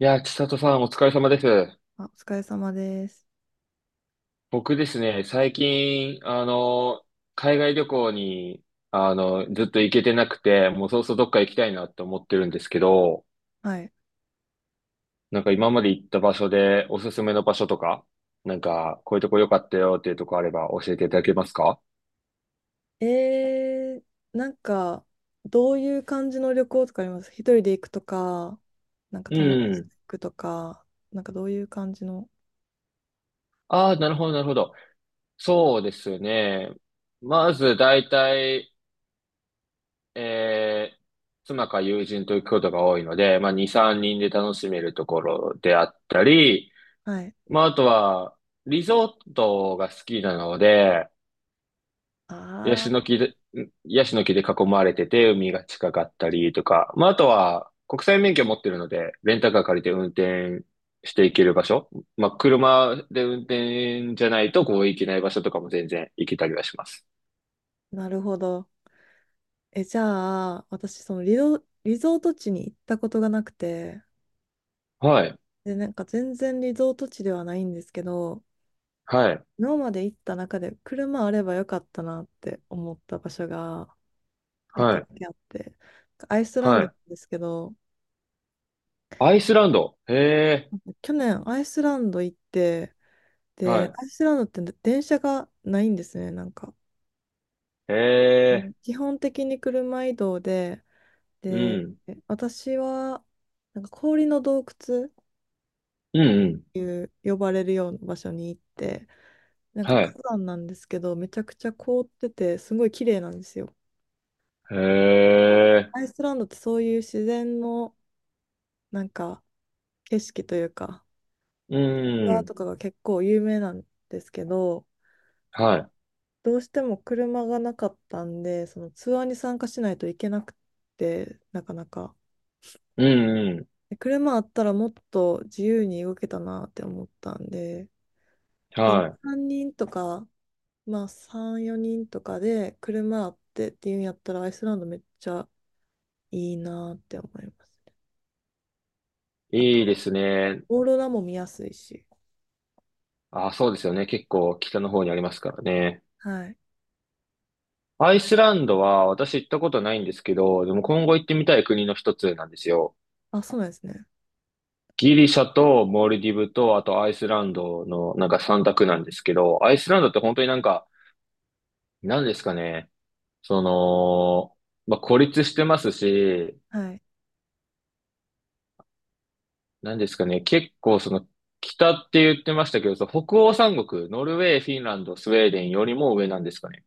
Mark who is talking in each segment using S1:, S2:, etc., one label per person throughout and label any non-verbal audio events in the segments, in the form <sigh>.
S1: いやー、千里さんお疲れ様です。
S2: あ、お疲れ様です。
S1: 僕ですね、最近、海外旅行に、ずっと行けてなくて、もうそろそろどっか行きたいなって思ってるんですけど、
S2: はい。
S1: なんか今まで行った場所でおすすめの場所とか、なんかこういうとこ良かったよっていうとこあれば教えていただけますか？
S2: えなんか、どういう感じの旅行とかあります？一人で行くとか、なんか
S1: う
S2: 友達
S1: ん。
S2: と行くとか、なんかどういう感じの。
S1: ああ、なるほど、なるほど。そうですね。まず大体、えー妻か友人と行くことが多いので、まあ、2、3人で楽しめるところであったり、
S2: はい。
S1: まあ、あとは、リゾートが好きなので、ヤシ
S2: あ
S1: の木で、ヤシの木で囲まれてて、海が近かったりとか、まあ、あとは、国際免許持ってるので、レンタカー借りて運転していける場所、まあ、車で運転じゃないと、こう、行けない場所とかも全然行けたりはします。
S2: あ、なるほど。え、じゃあ、私、リゾート地に行ったことがなくて、
S1: はい、
S2: で、なんか全然リゾート地ではないんですけど、
S1: はい、
S2: 今まで行った中で車あればよかったなって思った場所が一
S1: は
S2: 個
S1: い、
S2: だけあって、アイスラン
S1: は
S2: ドな
S1: い。
S2: んですけど、
S1: アイスランド。へえ、
S2: 去年アイスランド行って、
S1: は
S2: で、
S1: い。
S2: アイスランドって電車がないんですね、なんか。
S1: へえ、
S2: で基本的に車移動で、
S1: う
S2: で、
S1: ん、
S2: 私は、なんか氷の洞窟っ
S1: うん、うん、
S2: ていう呼ばれるような場所に行って、なんか
S1: はい。
S2: 火山なんですけど、めちゃくちゃ凍ってて、すごい綺麗なんですよ。
S1: へ
S2: あ、
S1: え、
S2: アイスランドってそういう自然の、なんか、景色というか、
S1: う
S2: ツアーと
S1: ん、
S2: かが結構有名なんですけど、
S1: はい。
S2: どうしても車がなかったんで、そのツアーに参加しないといけなくて、なかなか。
S1: うん、うん、
S2: で車あったらもっと自由に動けたなって思ったんで、で、
S1: は
S2: 3人とか、まあ3、4人とかで車あってっていうんやったらアイスランドめっちゃいいなって思いますね。あ
S1: い。いいで
S2: と、
S1: すね。
S2: オーロラも見やすいし。
S1: あ、そうですよね。結構北の方にありますからね。
S2: はい。
S1: アイスランドは私行ったことないんですけど、でも今後行ってみたい国の一つなんですよ。
S2: あ、そうなんですね。
S1: ギリシャとモルディブと、あとアイスランドのなんか三択なんですけど、アイスランドって本当になんか、なんですかね。その、まあ、孤立してますし、
S2: はい。
S1: なんですかね、結構その北って言ってましたけど、その北欧三国、ノルウェー、フィンランド、スウェーデンよりも上なんですかね。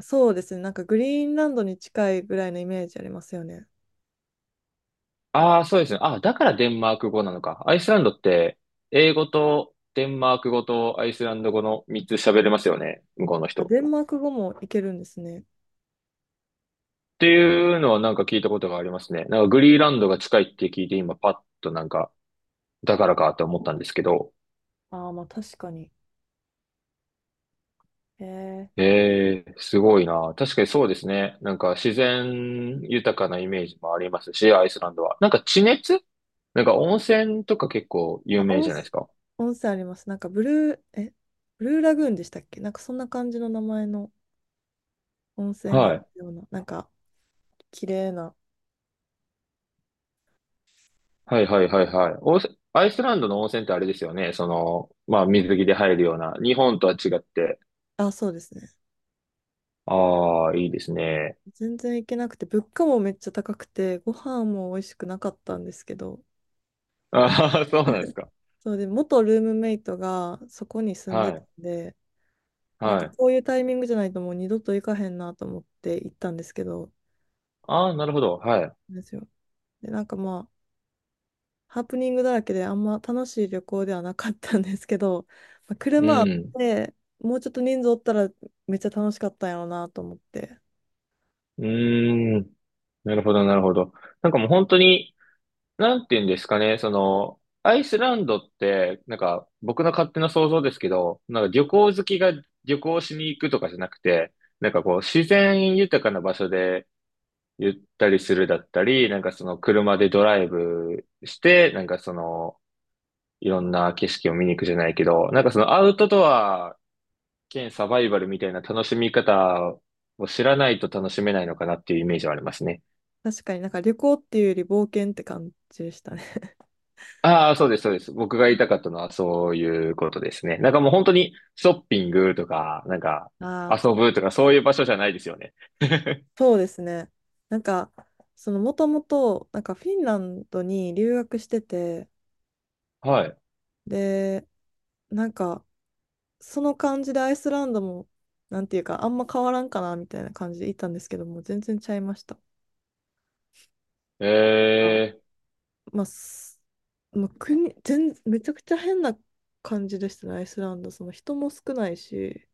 S2: そうですね。なんかグリーンランドに近いぐらいのイメージありますよね。
S1: ああ、そうですね。ああ、だからデンマーク語なのか。アイスランドって英語とデンマーク語とアイスランド語の3つ喋れますよね、向こうの
S2: あ、
S1: 人。
S2: デンマーク語もいけるんですね。
S1: っていうのはなんか聞いたことがありますね。なんかグリーランドが近いって聞いて今パッとなんか、だからかと思ったんですけど、
S2: ああ、まあ確かに。えー、
S1: ええ、すごいな。確かにそうですね。なんか自然豊かなイメージもありますし、アイスランドは。なんか地熱なんか温泉とか結構有
S2: あ、
S1: 名
S2: 温
S1: じゃない
S2: 泉、
S1: ですか。
S2: 温泉あります。なんかブルー、え、ブルーラグーンでしたっけ、なんかそんな感じの名前の温泉があっ
S1: は
S2: た
S1: い。
S2: ような、なんか綺麗な。
S1: はいはいはいはい。温泉アイスランドの温泉ってあれですよね。その、まあ水着で入るような。日本とは違って。
S2: あ、そうですね。
S1: ああ、いいですね。
S2: 全然行けなくて、物価もめっちゃ高くて、ご飯も美味しくなかったんですけど、
S1: ああ、そうなんですか。
S2: そうで、元ルームメイトがそこに住ん
S1: は
S2: でた
S1: い。
S2: んで、なん
S1: は
S2: か
S1: い。
S2: こういうタイミングじゃないともう二度と行かへんなと思って行ったんですけど、
S1: ああ、なるほど。はい。
S2: ですよ。で、なんかまあ、ハプニングだらけであんま楽しい旅行ではなかったんですけど、まあ、
S1: う
S2: 車あっ
S1: ん。
S2: てもうちょっと人数おったらめっちゃ楽しかったんやろうなと思って、
S1: うーん。なるほど、なるほど。なんかもう本当に、なんて言うんですかね、その、アイスランドって、なんか、僕の勝手な想像ですけど、なんか旅行好きが旅行しに行くとかじゃなくて、なんかこう、自然豊かな場所でゆったりするだったり、なんかその車でドライブして、なんかその、いろんな景色を見に行くじゃないけど、なんかそのアウトドア兼サバイバルみたいな楽しみ方を知らないと楽しめないのかなっていうイメージはありますね。
S2: 確かになんか旅行っていうより冒険って感じでしたね。
S1: ああ、そうです、そうです。僕が言いたかったのはそういうことですね。なんかもう本当にショッピングとか、なんか
S2: <laughs> ああ、
S1: 遊ぶとかそういう場所じゃないですよね。
S2: そうですね。なんかそのもともとなんかフィンランドに留学してて、
S1: はい。
S2: で、なんかその感じでアイスランドもなんていうかあんま変わらんかなみたいな感じで行ったんですけども、全然ちゃいました。
S1: え
S2: あ
S1: え、
S2: まあ、すまあ、国、全、めちゃくちゃ変な感じでしたね、アイスランド。その人も少ないし、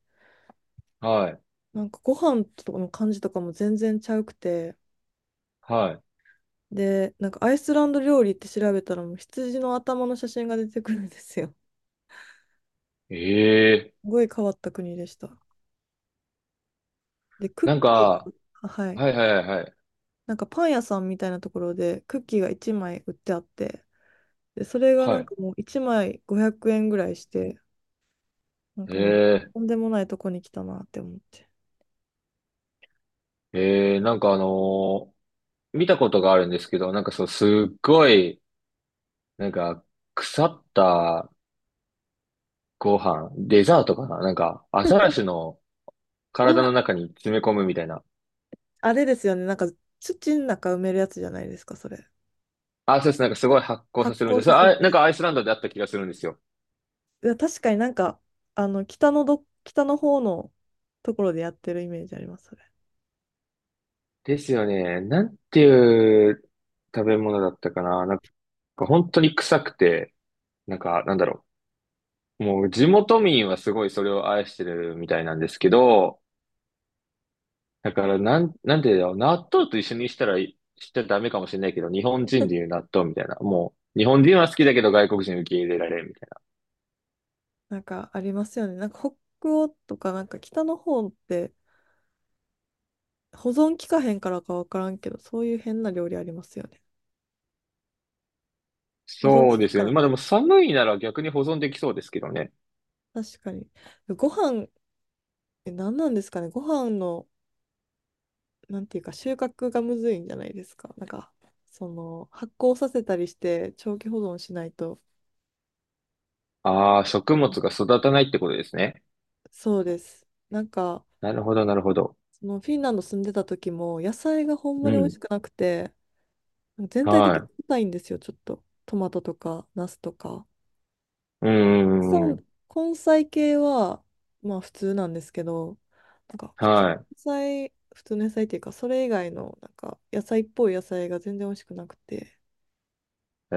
S1: はい、
S2: なんかご飯とかの感じとかも全然ちゃうくて、
S1: は
S2: で、なんかアイスランド料理って調べたら、もう羊の頭の写真が出てくるんですよ。
S1: い。ええ、
S2: すごい変わった国でした。で、クッ
S1: なん
S2: キー
S1: か、
S2: が、はい。
S1: はいはいはいはい。
S2: なんかパン屋さんみたいなところでクッキーが1枚売ってあって、で、それが
S1: は
S2: なん
S1: い。
S2: かもう1枚500円ぐらいして、なん
S1: え
S2: かもう
S1: え、
S2: とんでもないとこに来たなって思って。
S1: ええ、なんか見たことがあるんですけど、なんかそう、すっごい、なんか、腐ったご飯、デザートかななんか、アザラシの
S2: う
S1: 体
S2: わ、
S1: の中に詰め込むみたいな。
S2: あれですよね。なんか土の中埋めるやつじゃないですか、それ。
S1: あ、そうです。なんかすごい発酵さ
S2: 発
S1: せるみたいで
S2: 酵
S1: す。そ
S2: さ
S1: れ
S2: せ
S1: あ、なん
S2: て。
S1: かアイスランドであった気がするんですよ。
S2: いや、確かになんか、あの、北の方のところでやってるイメージあります、それ。
S1: ですよね。なんていう食べ物だったかな。なんか本当に臭くて、なんかなんだろう。もう地元民はすごいそれを愛してるみたいなんですけど、だからなん、なんていうんだろう。納豆と一緒にしたらい、しちゃダメかもしれないけど、日本人でいう納豆みたいな。もう、日本人は好きだけど外国人受け入れられんみたいな。
S2: なんかありますよね。なんか北欧とか、なんか北の方って保存期かへんからかわからんけど、そういう変な料理ありますよね。保存
S1: そ
S2: 期
S1: うで
S2: か
S1: す
S2: か
S1: よね。
S2: ら
S1: まあで
S2: か。
S1: も寒いなら逆に保存できそうですけどね。
S2: 確かに。ご飯、え、何なんですかね。ご飯の、なんていうか、収穫がむずいんじゃないですか。なんか、その、発酵させたりして、長期保存しないと、
S1: ああ、食物が育たないってことですね。
S2: そうです。なんか、
S1: なるほど、なるほど。
S2: そのフィンランド住んでた時も、野菜がほんま
S1: う
S2: に美味
S1: ん。
S2: しくなくて、全体
S1: は
S2: 的に
S1: い。
S2: 硬いんですよ、ちょっと。トマトとか、ナスとか。
S1: う
S2: さ
S1: んうんう
S2: ん
S1: ん
S2: 根菜系は、まあ普通なんですけど、なんか普通
S1: は
S2: の野菜、普通の野菜っていうか、それ以外の、なんか野菜っぽい野菜が全然美味しくなくて、
S1: い。え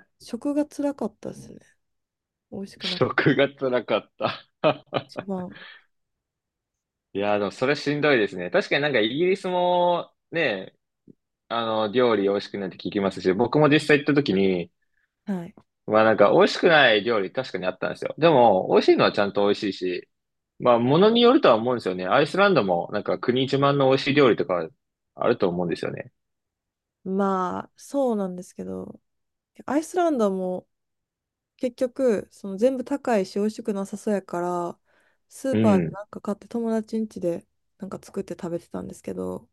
S1: ー、
S2: 食が辛かったですね。美味し
S1: <laughs>
S2: くなくて。
S1: 食が辛かった。
S2: 一
S1: <laughs>
S2: 番。
S1: いやー、でもそれしんどいですね。確かになんかイギリスもね、料理美味しくないって聞きますし、僕も実際行った時に、
S2: はい。
S1: まあなんか美味しくない料理確かにあったんですよ。でも、美味しいのはちゃんと美味しいし、まあ物によるとは思うんですよね。アイスランドもなんか国自慢の美味しい料理とかあると思うんですよね。
S2: まあ、そうなんですけど、アイスランドも結局、その全部高いし美味しくなさそうやから、スー
S1: う
S2: パーで
S1: ん。
S2: なんか買って友達ん家でなんか作って食べてたんですけど、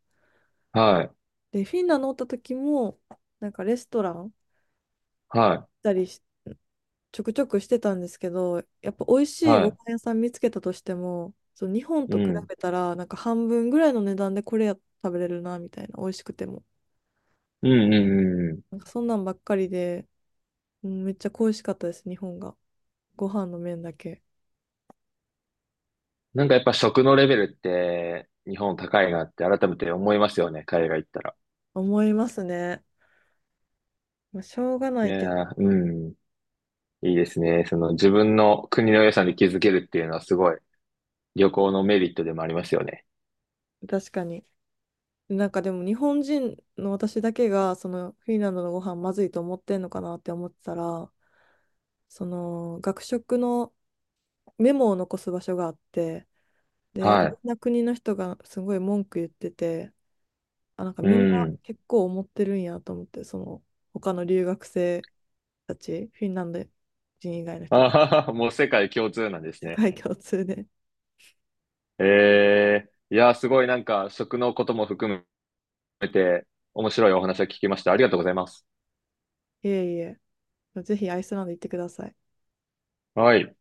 S1: はい。
S2: で、フィンランドおった時も、なんかレストラン行っ
S1: はい。
S2: たりし、ちょくちょくしてたんですけど、やっぱ美味しい
S1: は
S2: ご
S1: い。
S2: 飯屋さん見つけたとしても、そう日本
S1: う
S2: と比
S1: ん。
S2: べたら、なんか半分ぐらいの値段でこれや食べれるな、みたいな、美味しくても。
S1: うんうんうんうん。
S2: なんかそんなんばっかりで、うん、めっちゃ恋しかったです、日本が。ご飯の麺だけ。
S1: なんかやっぱ食のレベルって日本高いなって改めて思いますよね、海外行ったら。
S2: 思いますね。まあ、しょうがな
S1: い
S2: いけ
S1: や
S2: ど、
S1: ー、うん、いいですね。その自分の国の良さに気づけるっていうのはすごい旅行のメリットでもありますよね。
S2: 確かに。なんかでも日本人の私だけがそのフィンランドのご飯まずいと思ってんのかなって思ってたら、その学食のメモを残す場所があって、で、
S1: は
S2: いろ
S1: い。
S2: んな国の人がすごい文句言ってて、あ、なんか
S1: う
S2: みんな
S1: ん。
S2: 結構思ってるんやと思って、その他の留学生たち、フィンランド人以外の
S1: あ
S2: 人たち、
S1: はは、もう世界共通なんです
S2: 世
S1: ね。
S2: 界共通で。
S1: えいやー、すごいなんか食のことも含めて面白いお話を聞きました。ありがとうございます。
S2: いえいえ、ぜひアイスランド行ってください。
S1: はい。